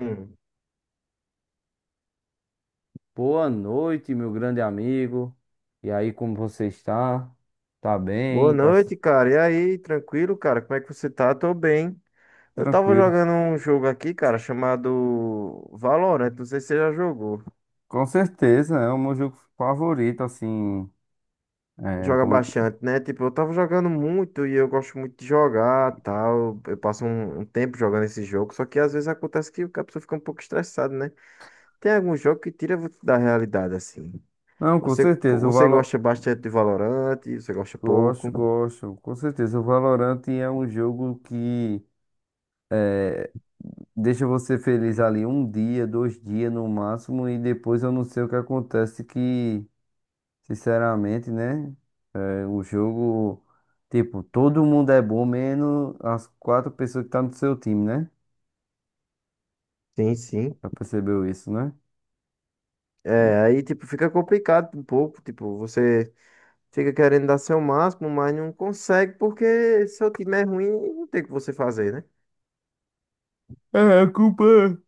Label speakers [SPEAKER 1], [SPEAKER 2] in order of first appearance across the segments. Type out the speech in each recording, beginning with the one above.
[SPEAKER 1] Hum.
[SPEAKER 2] Boa noite, meu grande amigo. E aí, como você está? Tá
[SPEAKER 1] Boa
[SPEAKER 2] bem?
[SPEAKER 1] noite, cara. E aí, tranquilo, cara? Como é que você tá? Tô bem. Eu tava
[SPEAKER 2] Tranquilo?
[SPEAKER 1] jogando um jogo aqui, cara, chamado Valorant. Não sei se você já jogou.
[SPEAKER 2] Com certeza, é o meu jogo favorito, assim. é,
[SPEAKER 1] Joga
[SPEAKER 2] como-
[SPEAKER 1] bastante, né? Tipo, eu tava jogando muito e eu gosto muito de jogar, tal. Eu passo um tempo jogando esse jogo, só que às vezes acontece que a pessoa fica um pouco estressada, né? Tem algum jogo que tira você da realidade, assim.
[SPEAKER 2] Não, com
[SPEAKER 1] Você,
[SPEAKER 2] certeza, o
[SPEAKER 1] você
[SPEAKER 2] Valor...
[SPEAKER 1] gosta bastante de Valorant, você gosta
[SPEAKER 2] Gosto,
[SPEAKER 1] pouco.
[SPEAKER 2] gosto. Com certeza, o Valorant é um jogo que deixa você feliz ali um dia, dois dias no máximo, e depois eu não sei o que acontece que, sinceramente, né? O jogo, tipo, todo mundo é bom, menos as quatro pessoas que tá no seu time, né?
[SPEAKER 1] Sim, sim.
[SPEAKER 2] Já percebeu isso, né?
[SPEAKER 1] É, aí, tipo, fica complicado um pouco, tipo, você fica querendo dar seu máximo, mas não consegue porque seu time é ruim e não tem o que você fazer, né?
[SPEAKER 2] É, a culpa.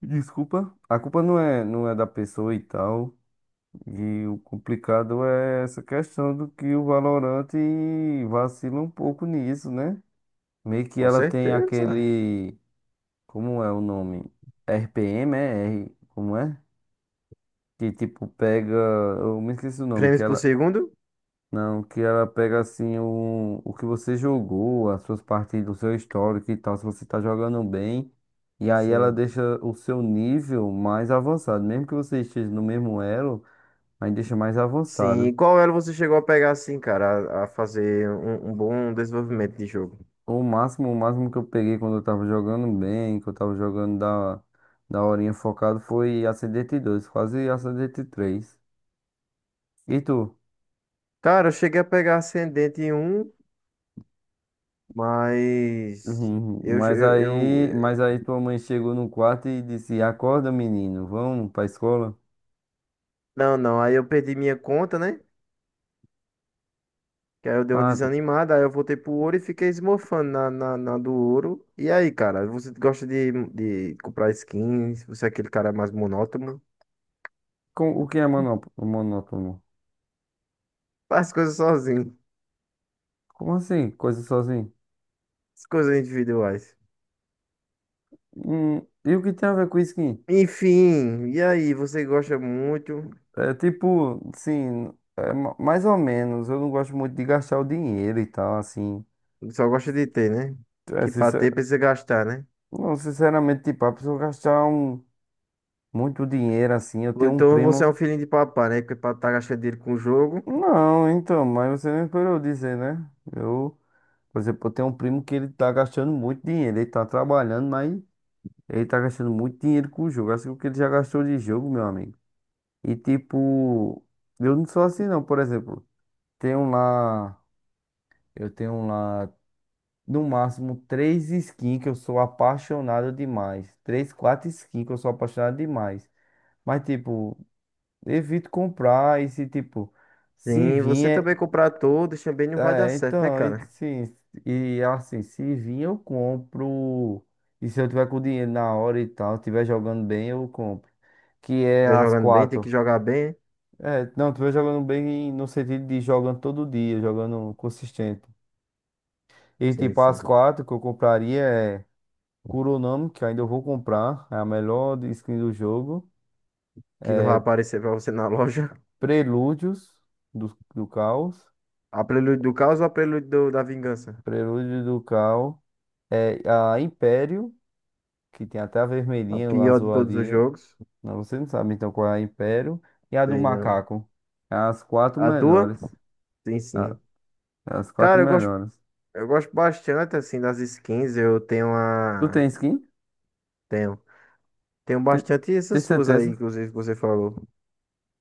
[SPEAKER 2] Desculpa. A culpa não é da pessoa e tal. E o complicado é essa questão do que o Valorant vacila um pouco nisso, né? Meio que
[SPEAKER 1] Com
[SPEAKER 2] ela tem
[SPEAKER 1] certeza.
[SPEAKER 2] aquele. Como é o nome? RPM, é? R, como é? Que tipo pega. Eu me esqueci o nome. Que
[SPEAKER 1] Frames por
[SPEAKER 2] ela
[SPEAKER 1] segundo?
[SPEAKER 2] Não, que ela pega assim o que você jogou, as suas partidas, o seu histórico e tal, se você tá jogando bem. E aí ela
[SPEAKER 1] Sim.
[SPEAKER 2] deixa o seu nível mais avançado. Mesmo que você esteja no mesmo elo, aí deixa mais
[SPEAKER 1] Sim. E
[SPEAKER 2] avançado.
[SPEAKER 1] qual elo você chegou a pegar assim, cara, a fazer um bom desenvolvimento de jogo?
[SPEAKER 2] O máximo que eu peguei quando eu tava jogando bem, que eu tava jogando da horinha focado, foi a Ascendente 2 quase a Ascendente três. E tu?
[SPEAKER 1] Cara, eu cheguei a pegar ascendente em um, mas
[SPEAKER 2] Uhum.
[SPEAKER 1] eu, eu,
[SPEAKER 2] Mas
[SPEAKER 1] eu-
[SPEAKER 2] aí tua mãe chegou no quarto e disse: Acorda, menino, vamos pra escola.
[SPEAKER 1] não, não. Aí eu perdi minha conta, né? Que aí eu dei uma
[SPEAKER 2] Ah, tô
[SPEAKER 1] desanimada, aí eu voltei pro ouro e fiquei esmorfando na, na, na do ouro. E aí, cara, você gosta de comprar skins? Você é aquele cara mais monótono?
[SPEAKER 2] O que é monótono?
[SPEAKER 1] Faz coisas sozinho,
[SPEAKER 2] Como assim? Coisa sozinho?
[SPEAKER 1] as coisas individuais.
[SPEAKER 2] Hum, e o que tem a ver com skin?
[SPEAKER 1] Enfim, e aí, você gosta muito,
[SPEAKER 2] É tipo, sim, é mais ou menos. Eu não gosto muito de gastar o dinheiro e tal, assim.
[SPEAKER 1] só gosta de ter, né?
[SPEAKER 2] É,
[SPEAKER 1] Que pra ter
[SPEAKER 2] sincer-
[SPEAKER 1] precisa gastar, né?
[SPEAKER 2] Não, sinceramente, tipo, a pessoa gastar muito dinheiro assim. Eu tenho um
[SPEAKER 1] Então você é
[SPEAKER 2] primo.
[SPEAKER 1] um filhinho de papai, né? Porque pra tá gastando dinheiro com o jogo.
[SPEAKER 2] Não, então, mas você não esperou eu dizer, né? Eu, por exemplo, eu tenho um primo que ele tá gastando muito dinheiro. Ele tá trabalhando, mas ele tá gastando muito dinheiro com o jogo. Assim, o que ele já gastou de jogo, meu amigo. E tipo, eu não sou assim não, por exemplo, tenho lá, eu tenho um lá no máximo três skins que eu sou apaixonado demais. Três, quatro skins que eu sou apaixonado demais. Mas tipo, evito comprar e se tipo, se
[SPEAKER 1] Sim,
[SPEAKER 2] vir
[SPEAKER 1] você também comprar todos também não vai dar
[SPEAKER 2] é,
[SPEAKER 1] certo, né,
[SPEAKER 2] então, e,
[SPEAKER 1] cara?
[SPEAKER 2] sim, e assim, se vir eu compro. E se eu tiver com dinheiro na hora e tal, estiver jogando bem, eu compro. Que é
[SPEAKER 1] Vai
[SPEAKER 2] as
[SPEAKER 1] jogando bem, tem que
[SPEAKER 2] quatro.
[SPEAKER 1] jogar bem.
[SPEAKER 2] É, não, tu vem jogando bem no sentido de jogando todo dia, jogando consistente. E
[SPEAKER 1] Sim,
[SPEAKER 2] tipo,
[SPEAKER 1] sim.
[SPEAKER 2] as quatro que eu compraria é Kuronami, que ainda eu vou comprar, é a skin do jogo.
[SPEAKER 1] Que não vai aparecer pra você na loja.
[SPEAKER 2] Prelúdios do Caos.
[SPEAKER 1] A Prelude do Caos ou a da Vingança?
[SPEAKER 2] Prelúdios do Caos. É a Império, que tem até a
[SPEAKER 1] A
[SPEAKER 2] vermelhinha, a
[SPEAKER 1] pior de todos os
[SPEAKER 2] azuladinha.
[SPEAKER 1] jogos?
[SPEAKER 2] Não, você não sabe então qual é a Império. E a do
[SPEAKER 1] Tem não.
[SPEAKER 2] Macaco. É as quatro
[SPEAKER 1] A tua?
[SPEAKER 2] melhores.
[SPEAKER 1] Tem
[SPEAKER 2] A-
[SPEAKER 1] sim.
[SPEAKER 2] é as quatro
[SPEAKER 1] Cara,
[SPEAKER 2] melhores.
[SPEAKER 1] eu gosto bastante assim das skins. Eu tenho
[SPEAKER 2] Tu
[SPEAKER 1] a.
[SPEAKER 2] tem skin?
[SPEAKER 1] Tenho. Tenho
[SPEAKER 2] Tem,
[SPEAKER 1] bastante
[SPEAKER 2] tem
[SPEAKER 1] essas suas aí,
[SPEAKER 2] certeza?
[SPEAKER 1] inclusive, que você falou.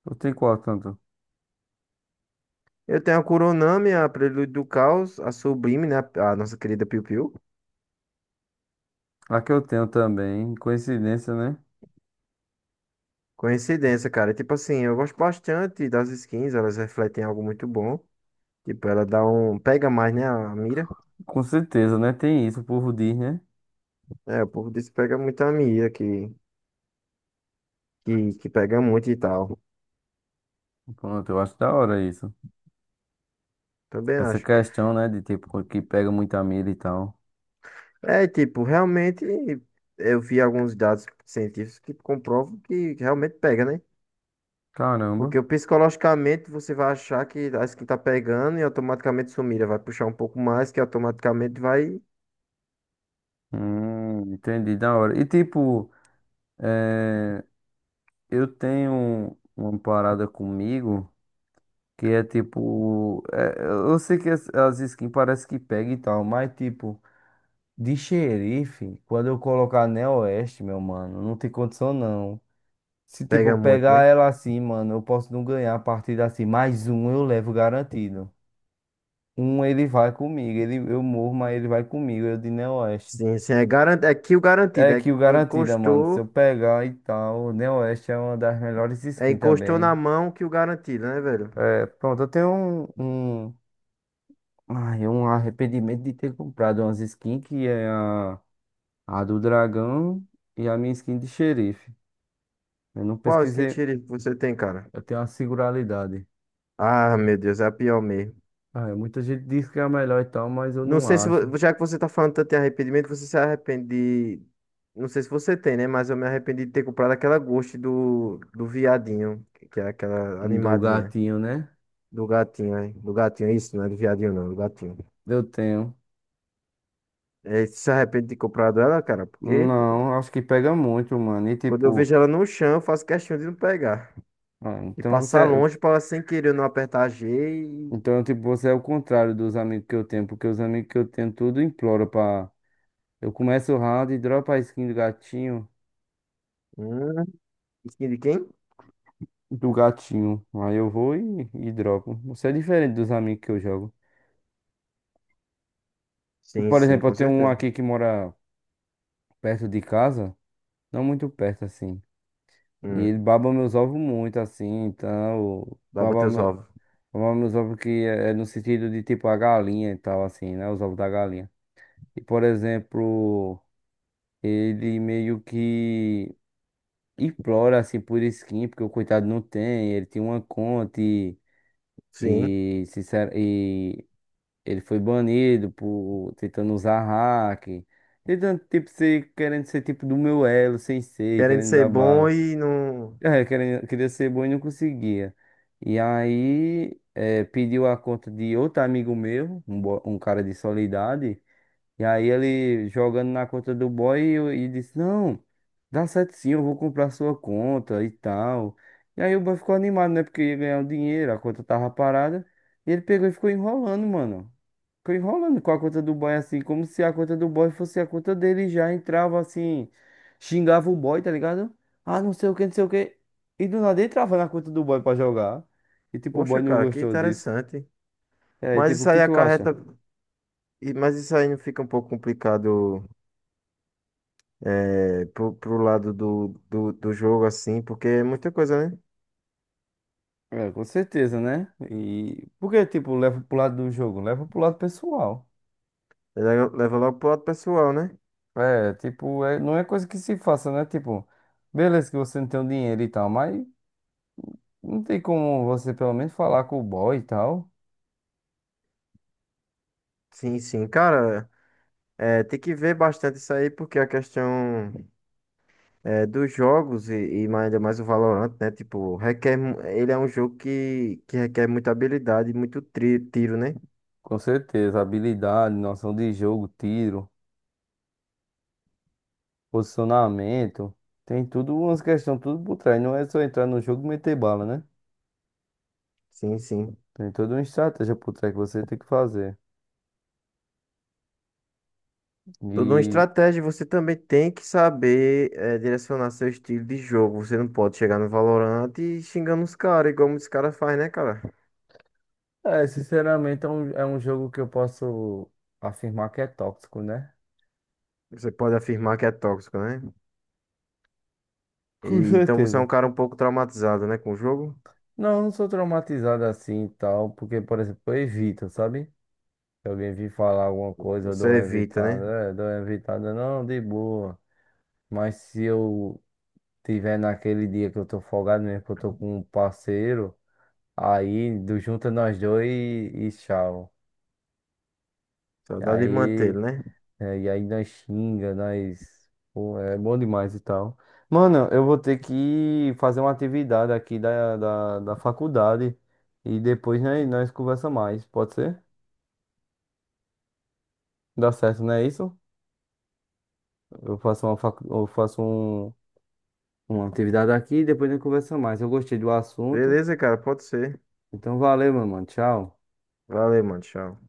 [SPEAKER 2] Eu tenho qual tanto?
[SPEAKER 1] Eu tenho a Kuronami, a Prelude do Caos, a Sublime, né? A nossa querida Piu Piu.
[SPEAKER 2] A que eu tenho também, coincidência, né?
[SPEAKER 1] Coincidência, cara. Tipo assim, eu gosto bastante das skins, elas refletem algo muito bom. Tipo, ela dá um. Pega mais, né? A mira.
[SPEAKER 2] Com certeza, né? Tem isso, o povo diz, né?
[SPEAKER 1] É, o povo disse que pega muito a mira, que. Que pega muito e tal.
[SPEAKER 2] Pronto, eu acho da hora isso.
[SPEAKER 1] Também
[SPEAKER 2] Essa
[SPEAKER 1] acho.
[SPEAKER 2] questão, né, de tipo, que pega muita milha e tal.
[SPEAKER 1] É, tipo, realmente eu vi alguns dados científicos que comprovam que realmente pega, né?
[SPEAKER 2] Caramba.
[SPEAKER 1] Porque o psicologicamente você vai achar que acho que tá pegando e automaticamente sumira, vai puxar um pouco mais que automaticamente vai
[SPEAKER 2] Entendi, da hora. E tipo, eu tenho uma parada comigo que é tipo. É, eu sei que as skins parece que pega e tal, mas tipo, de xerife, quando eu colocar Neo Oeste, meu mano, não tem condição não. Se, tipo,
[SPEAKER 1] pega muito,
[SPEAKER 2] pegar
[SPEAKER 1] né?
[SPEAKER 2] ela assim, mano, eu posso não ganhar a partida assim. Mais um eu levo garantido. Um ele vai comigo. Ele, eu morro, mas ele vai comigo. Eu de Neoeste.
[SPEAKER 1] Sim, sim, é garantido, é que o
[SPEAKER 2] É
[SPEAKER 1] garantido é
[SPEAKER 2] que
[SPEAKER 1] que
[SPEAKER 2] o garantida, mano. Se eu
[SPEAKER 1] encostou,
[SPEAKER 2] pegar e tal, o Neoeste é uma das melhores
[SPEAKER 1] é
[SPEAKER 2] skins
[SPEAKER 1] encostou na
[SPEAKER 2] também.
[SPEAKER 1] mão que o garantido, né, velho?
[SPEAKER 2] É, pronto, eu tenho um, um, ai, um arrependimento de ter comprado umas skins que é a do dragão e a minha skin de xerife. Eu não
[SPEAKER 1] Qual skin
[SPEAKER 2] pesquisei,
[SPEAKER 1] sheriff que você tem, cara?
[SPEAKER 2] eu tenho uma singularidade.
[SPEAKER 1] Ah, meu Deus, é a pior mesmo.
[SPEAKER 2] Ah, muita gente diz que é a melhor e tal, mas eu
[SPEAKER 1] Não
[SPEAKER 2] não
[SPEAKER 1] sei se,
[SPEAKER 2] acho.
[SPEAKER 1] já que você tá falando tanto em arrependimento, você se arrepende de... Não sei se você tem, né? Mas eu me arrependi de ter comprado aquela Ghost do viadinho, que é aquela
[SPEAKER 2] Do
[SPEAKER 1] animadinha.
[SPEAKER 2] gatinho, né?
[SPEAKER 1] Do gatinho, né? Do gatinho, é isso, não é do viadinho, não, do gatinho.
[SPEAKER 2] Eu tenho.
[SPEAKER 1] É, você se arrepende de ter comprado ela, cara? Porque
[SPEAKER 2] Não, acho que pega muito, mano. E
[SPEAKER 1] quando eu
[SPEAKER 2] tipo,
[SPEAKER 1] vejo ela no chão, eu faço questão de não pegar.
[SPEAKER 2] ah,
[SPEAKER 1] E
[SPEAKER 2] então
[SPEAKER 1] passar
[SPEAKER 2] você,
[SPEAKER 1] longe pra ela sem querer eu não apertar G e...
[SPEAKER 2] então tipo, você é o contrário dos amigos que eu tenho, porque os amigos que eu tenho tudo implora pra. Eu começo o round e dropo a skin do gatinho,
[SPEAKER 1] Hum, skin de quem?
[SPEAKER 2] do gatinho. Aí eu vou e dropo. Você é diferente dos amigos que eu jogo.
[SPEAKER 1] Sim,
[SPEAKER 2] Por
[SPEAKER 1] sim,
[SPEAKER 2] exemplo, eu
[SPEAKER 1] com
[SPEAKER 2] tenho um
[SPEAKER 1] certeza.
[SPEAKER 2] aqui que mora perto de casa, não muito perto assim. E ele
[SPEAKER 1] Hum,
[SPEAKER 2] baba meus ovos muito assim, então
[SPEAKER 1] dobra teus
[SPEAKER 2] baba.
[SPEAKER 1] ovos.
[SPEAKER 2] Mamamos nos ovos que é no sentido de tipo a galinha e tal, assim, né? Os ovos da galinha. E, por exemplo, ele meio que implora, assim, por skin, porque o coitado não tem, ele tinha uma conta
[SPEAKER 1] Sim.
[SPEAKER 2] sincero, e ele foi banido por tentando usar hack, tentando, tipo, ser, querendo ser tipo do meu elo, sem ser,
[SPEAKER 1] Querendo
[SPEAKER 2] querendo
[SPEAKER 1] ser
[SPEAKER 2] dar
[SPEAKER 1] bom
[SPEAKER 2] bala.
[SPEAKER 1] e não...
[SPEAKER 2] É, queria, queria ser bom e não conseguia. E aí, é, pediu a conta de outro amigo meu, um, um cara de Soledade. E aí, ele jogando na conta do boy e disse: Não, dá certo sim, eu vou comprar sua conta e tal. E aí, o boy ficou animado, né? Porque ia ganhar o dinheiro, a conta tava parada. E ele pegou e ficou enrolando, mano. Ficou enrolando com a conta do boy assim, como se a conta do boy fosse a conta dele e já entrava assim, xingava o boy, tá ligado? Ah, não sei o que, não sei o que. E do nada entrava na conta do boy pra jogar. E tipo, o boy
[SPEAKER 1] Poxa,
[SPEAKER 2] não
[SPEAKER 1] cara, que
[SPEAKER 2] gostou disso.
[SPEAKER 1] interessante.
[SPEAKER 2] É, e aí,
[SPEAKER 1] Mas
[SPEAKER 2] tipo, o
[SPEAKER 1] isso
[SPEAKER 2] que
[SPEAKER 1] aí
[SPEAKER 2] tu acha?
[SPEAKER 1] acarreta. Mas isso aí não fica um pouco complicado é, pro, pro lado do jogo, assim, porque é muita coisa, né?
[SPEAKER 2] É, com certeza, né? E porque, tipo, leva pro lado do jogo, leva pro lado pessoal.
[SPEAKER 1] Ele leva logo pro lado pessoal, né?
[SPEAKER 2] É, tipo, é, não é coisa que se faça, né? Tipo, beleza que você não tem o dinheiro e tal, mas não tem como você pelo menos falar com o boy e tal.
[SPEAKER 1] Sim, sim. Cara, é, tem que ver bastante isso aí, porque a questão é, dos jogos e mais, ainda mais o Valorant, né? Tipo, requer. Ele é um jogo que requer muita habilidade e muito tiro, né?
[SPEAKER 2] Com certeza, habilidade, noção de jogo, tiro, posicionamento, tem tudo umas questões, tudo por trás. Não é só entrar no jogo e meter bala, né?
[SPEAKER 1] Sim, sim.
[SPEAKER 2] Tem toda uma estratégia por trás que você tem que fazer.
[SPEAKER 1] Tudo uma
[SPEAKER 2] E,
[SPEAKER 1] estratégia, você também tem que saber eh, direcionar seu estilo de jogo. Você não pode chegar no Valorant e xingando os caras, igual muitos caras fazem, né, cara?
[SPEAKER 2] é, sinceramente, é um jogo que eu posso afirmar que é tóxico, né?
[SPEAKER 1] Você pode afirmar que é tóxico, né? E
[SPEAKER 2] Com
[SPEAKER 1] então você é um
[SPEAKER 2] certeza.
[SPEAKER 1] cara um pouco traumatizado, né, com o jogo.
[SPEAKER 2] Não, não sou traumatizado assim e tal, porque, por exemplo, eu evito, sabe? Se alguém vir falar alguma coisa, eu
[SPEAKER 1] Você
[SPEAKER 2] dou uma
[SPEAKER 1] evita,
[SPEAKER 2] evitada,
[SPEAKER 1] né?
[SPEAKER 2] é, dou uma evitada, não, de boa. Mas se eu tiver naquele dia que eu tô folgado mesmo, que eu tô com um parceiro, aí do junta nós dois e tchau. E
[SPEAKER 1] Saudade de
[SPEAKER 2] aí,
[SPEAKER 1] mantê-lo, né?
[SPEAKER 2] é, e aí nós xinga, nós. Pô, é bom demais e tal. Mano, eu vou ter que fazer uma atividade aqui da faculdade e depois nós conversa mais, pode ser? Dá certo, não é isso? Eu faço eu faço uma atividade aqui e depois nós conversa mais. Eu gostei do assunto.
[SPEAKER 1] Beleza, cara, pode ser.
[SPEAKER 2] Então valeu, meu mano. Tchau.
[SPEAKER 1] Valeu, mano, tchau.